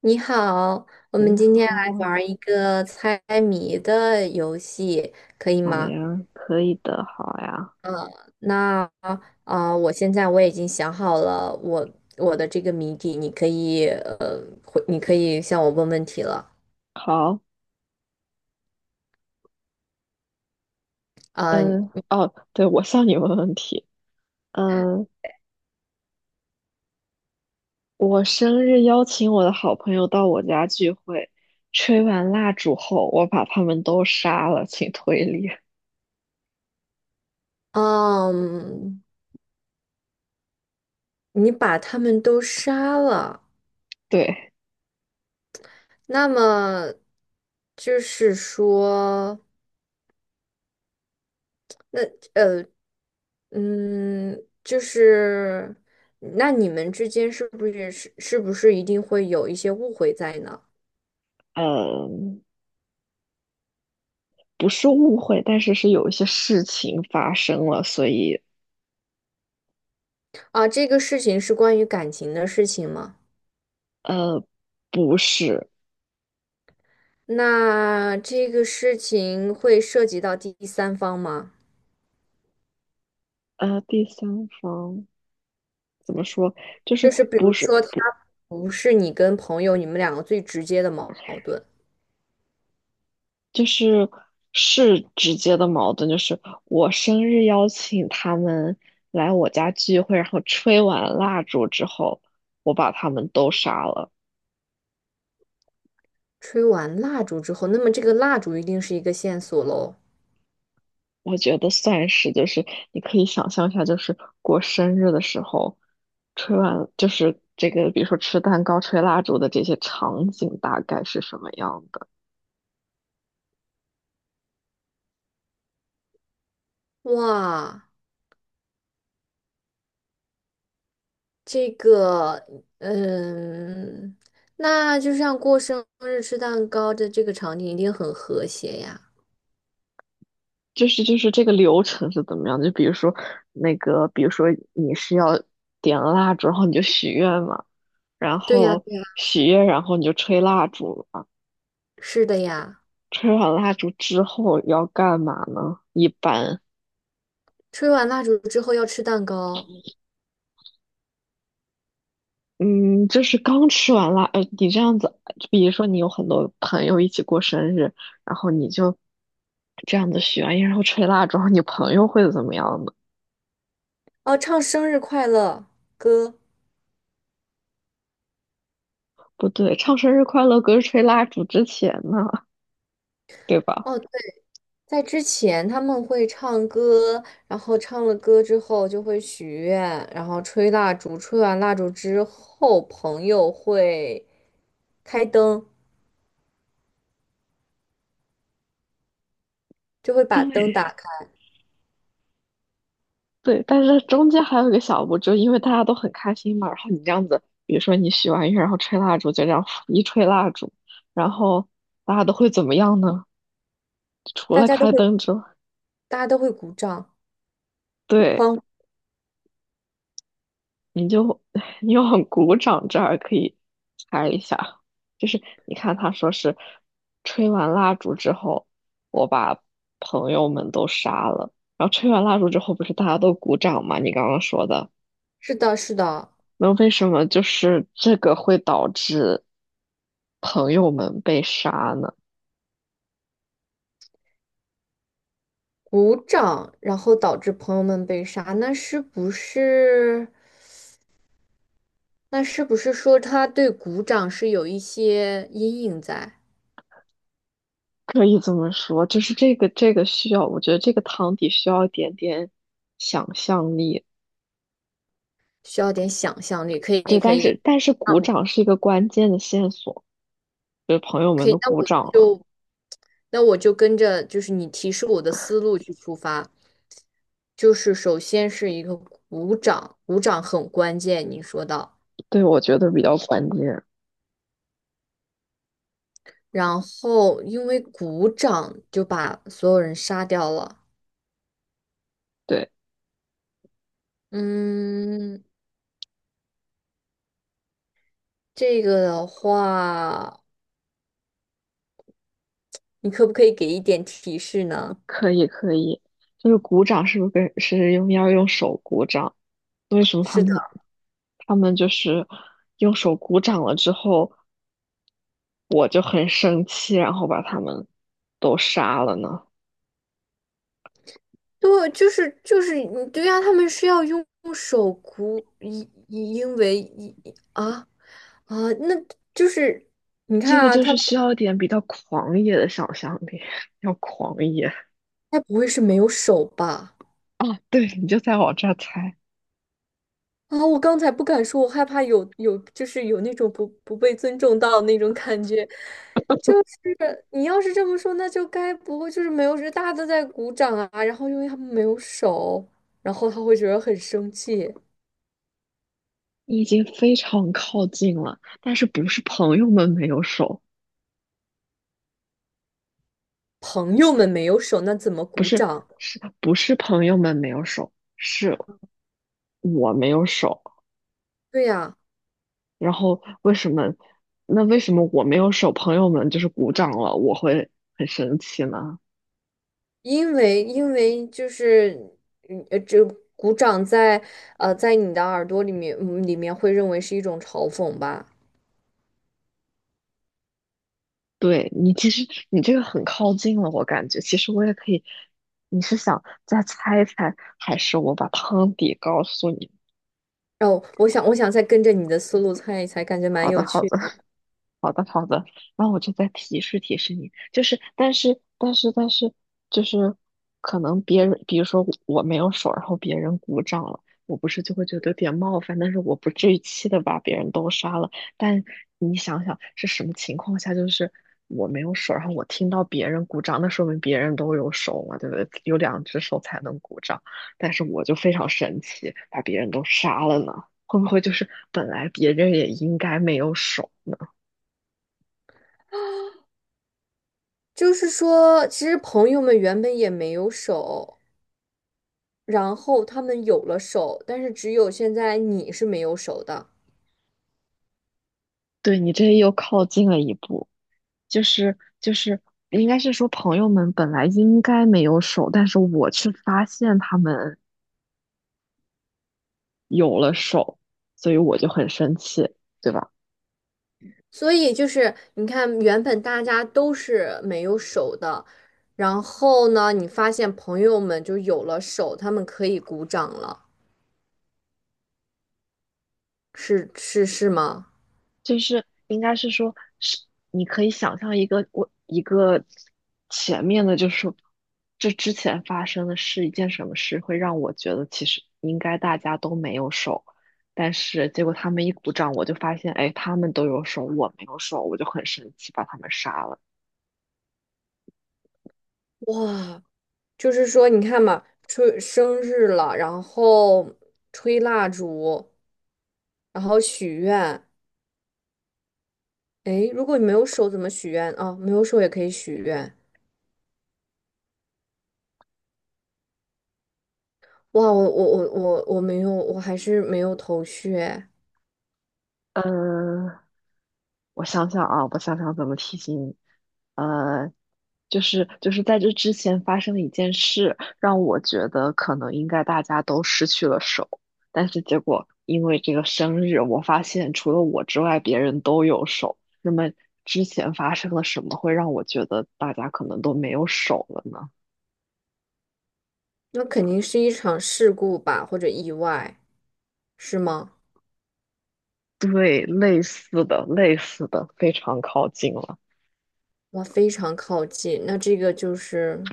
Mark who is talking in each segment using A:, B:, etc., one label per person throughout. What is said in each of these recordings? A: 你好，我
B: 你
A: 们今
B: 好，
A: 天来玩儿一个猜谜的游戏，可以
B: 好
A: 吗？
B: 呀，可以的，好呀，
A: 嗯，那啊、呃我现在我已经想好了我的这个谜底，你可以你可以向我问问题了。
B: 好，
A: 嗯、
B: 嗯，哦，对，我向你问问题。嗯，我生日邀请我的好朋友到我家聚会，吹完蜡烛后，我把他们都杀了，请推理。
A: 嗯，你把他们都杀了，
B: 对，
A: 那么就是说，那呃。就是，那你们之间是不是一定会有一些误会在呢？
B: 嗯，不是误会，但是是有一些事情发生了，所以，
A: 啊，这个事情是关于感情的事情吗？
B: 呃，不是。
A: 那这个事情会涉及到第三方吗？
B: 第三方怎么说？就
A: 就
B: 是
A: 是比
B: 不
A: 如
B: 是，
A: 说，他不是你跟朋友你们两个最直接的矛盾。
B: 就是是直接的矛盾，就是我生日邀请他们来我家聚会，然后吹完蜡烛之后，我把他们都杀了。
A: 吹完蜡烛之后，那么这个蜡烛一定是一个线索喽。
B: 我觉得算是，就是你可以想象一下，就是过生日的时候，吹完就是这个，比如说吃蛋糕、吹蜡烛的这些场景大概是什么样的？
A: 哇。这个，嗯，那就像过生日吃蛋糕的这个场景一定很和谐呀。
B: 就是这个流程是怎么样的？就比如说那个，比如说你是要点了蜡烛，然后你就许愿嘛。然
A: 对呀，
B: 后
A: 对呀，
B: 许愿，然后你就吹蜡烛嘛。
A: 是的呀。
B: 吹完蜡烛之后要干嘛呢？一般，
A: 吹完蜡烛之后要吃蛋糕，
B: 嗯，就是刚吃完蜡，你这样子，比如说你有很多朋友一起过生日，然后你就这样子许完愿，然后吹蜡烛，然后你朋友会怎么样呢？
A: 哦，唱生日快乐歌。
B: 不对，唱生日快乐歌是吹蜡烛之前呢，对吧？
A: 哦，对，在之前他们会唱歌，然后唱了歌之后就会许愿，然后吹蜡烛，吹完蜡烛之后，朋友会开灯，就会把灯
B: 对，
A: 打开，
B: 对，但是中间还有一个小步，就因为大家都很开心嘛，然后你这样子，比如说你许完愿，然后吹蜡烛，就这样一吹蜡烛，然后大家都会怎么样呢？除
A: 大
B: 了
A: 家都
B: 开
A: 会，
B: 灯之外，
A: 大家都会鼓掌。
B: 对，
A: 欢呼。
B: 你就 你又鼓掌，这儿可以猜一下，就是你看他说是吹完蜡烛之后，我把朋友们都杀了，然后吹完蜡烛之后，不是大家都鼓掌吗？你刚刚说的。
A: 是的，是的，
B: 那为什么就是这个会导致朋友们被杀呢？
A: 鼓掌，然后导致朋友们被杀，那是不是？那是不是说他对鼓掌是有一些阴影在，
B: 可以这么说，就是这个需要，我觉得这个汤底需要一点点想象力。
A: 需要点想象力？可
B: 对，
A: 以，可
B: 但是
A: 以。
B: 但是
A: 啊，
B: 鼓掌是一个关键的线索，就是朋友们都
A: 那
B: 鼓
A: 我
B: 掌了，
A: 就那我就跟着就是你提示我的思路去出发，就是首先是一个鼓掌，鼓掌很关键，你说到，
B: 对，我觉得比较关键。
A: 然后因为鼓掌就把所有人杀掉了。
B: 对，
A: 嗯，这个的话，你可不可以给一点提示呢？
B: 可以可以，就是鼓掌是不是跟是用要用手鼓掌？为什么他
A: 是的，
B: 们他们就是用手鼓掌了之后？我就很生气，然后把他们都杀了呢？
A: 对，对呀、他们是要用手鼓，因因为一啊啊，那就是你看
B: 这个
A: 啊，
B: 就
A: 他
B: 是
A: 他
B: 需要一点比较狂野的想象力，要狂野
A: 不会是没有手吧？
B: 啊！对，你就在我这儿猜，
A: 啊，我刚才不敢说，我害怕有就是有那种不被尊重到那种感觉。是你要是这么说，那就该不会就是没有人大家都在鼓掌啊？然后因为他们没有手，然后他会觉得很生气。
B: 你已经非常靠近了，但是不是朋友们没有手，
A: 朋友们没有手，那怎么
B: 不
A: 鼓
B: 是，
A: 掌？
B: 是不是朋友们没有手，是我没有手。
A: 对呀，
B: 然后为什么？那为什么我没有手，朋友们就是鼓掌了，我会很生气呢？
A: 因为就是这鼓掌在你的耳朵里面里面会认为是一种嘲讽吧。
B: 对你，其实你这个很靠近了，我感觉。其实我也可以，你是想再猜一猜，还是我把汤底告诉你？
A: 哦，我想再跟着你的思路猜一猜，感觉蛮
B: 好的，
A: 有
B: 好
A: 趣
B: 的。
A: 的。
B: 好的，好的，那我就再提示提示你，就是，但是，但是，但是，就是，可能别人，比如说我没有手，然后别人鼓掌了，我不是就会觉得有点冒犯，但是我不至于气的把别人都杀了。但你想想是什么情况下，就是我没有手，然后我听到别人鼓掌，那说明别人都有手嘛，对不对？有两只手才能鼓掌，但是我就非常神奇，把别人都杀了呢，会不会就是本来别人也应该没有手？呢？
A: 就是说，其实朋友们原本也没有手。然后他们有了手，但是只有现在你是没有手的。
B: 对你这又靠近了一步，就是，应该是说朋友们本来应该没有手，但是我却发现他们有了手，所以我就很生气，对吧？
A: 所以就是你看，原本大家都是没有手的，然后呢，你发现朋友们就有了手，他们可以鼓掌了，是吗？
B: 就是应该是说，是你可以想象一个一个前面的，就是说这之前发生的是一件什么事，会让我觉得其实应该大家都没有手，但是结果他们一鼓掌，我就发现，哎，他们都有手，我没有手，我就很生气，把他们杀了。
A: 哇，就是说你看嘛，吹生日了，然后吹蜡烛，然后许愿。诶，如果你没有手怎么许愿啊？没有手也可以许愿。哇，我没有，我还是没有头绪哎。
B: 呃，我想想啊，我想想怎么提醒你。呃，就是在这之前发生了一件事，让我觉得可能应该大家都失去了手，但是结果因为这个生日，我发现除了我之外，别人都有手。那么之前发生了什么会让我觉得大家可能都没有手了呢？
A: 那肯定是一场事故吧，或者意外，是吗？
B: 对，类似的，类似的，非常靠近了。
A: 哇，非常靠近。那这个就是，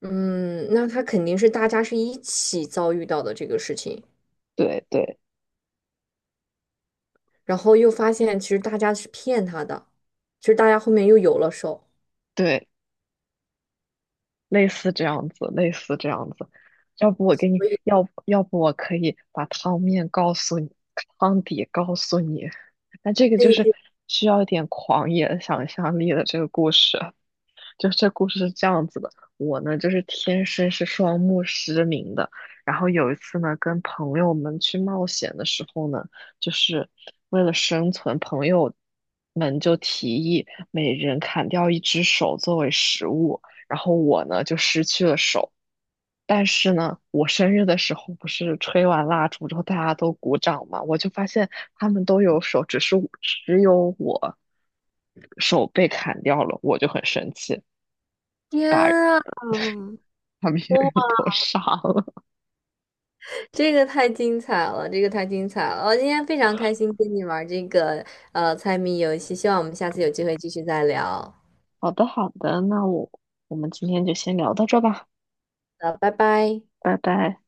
A: 嗯，那他肯定是大家是一起遭遇到的这个事情，
B: 对对
A: 然后又发现其实大家是骗他的，其实大家后面又有了手，
B: 对。类似这样子，类似这样子。要不我给你，
A: 所以
B: 要不我可以把汤面告诉你，汤底告诉你。那这个
A: 可
B: 就
A: 以
B: 是
A: 可以。
B: 需要一点狂野想象力的这个故事。就这故事是这样子的，我呢就是天生是双目失明的，然后有一次呢跟朋友们去冒险的时候呢，就是为了生存，朋友们就提议每人砍掉一只手作为食物，然后我呢就失去了手。但是呢，我生日的时候不是吹完蜡烛之后大家都鼓掌嘛，我就发现他们都有手，只是我只有我手被砍掉了，我就很生气。
A: 天啊！
B: 把别人
A: 哇，
B: 都杀了。
A: 这个太精彩了，这个太精彩了！我今天非常开心跟你玩这个猜谜游戏，希望我们下次有机会继续再聊。
B: 好的，好的，那我们今天就先聊到这吧，
A: 拜拜。
B: 拜拜。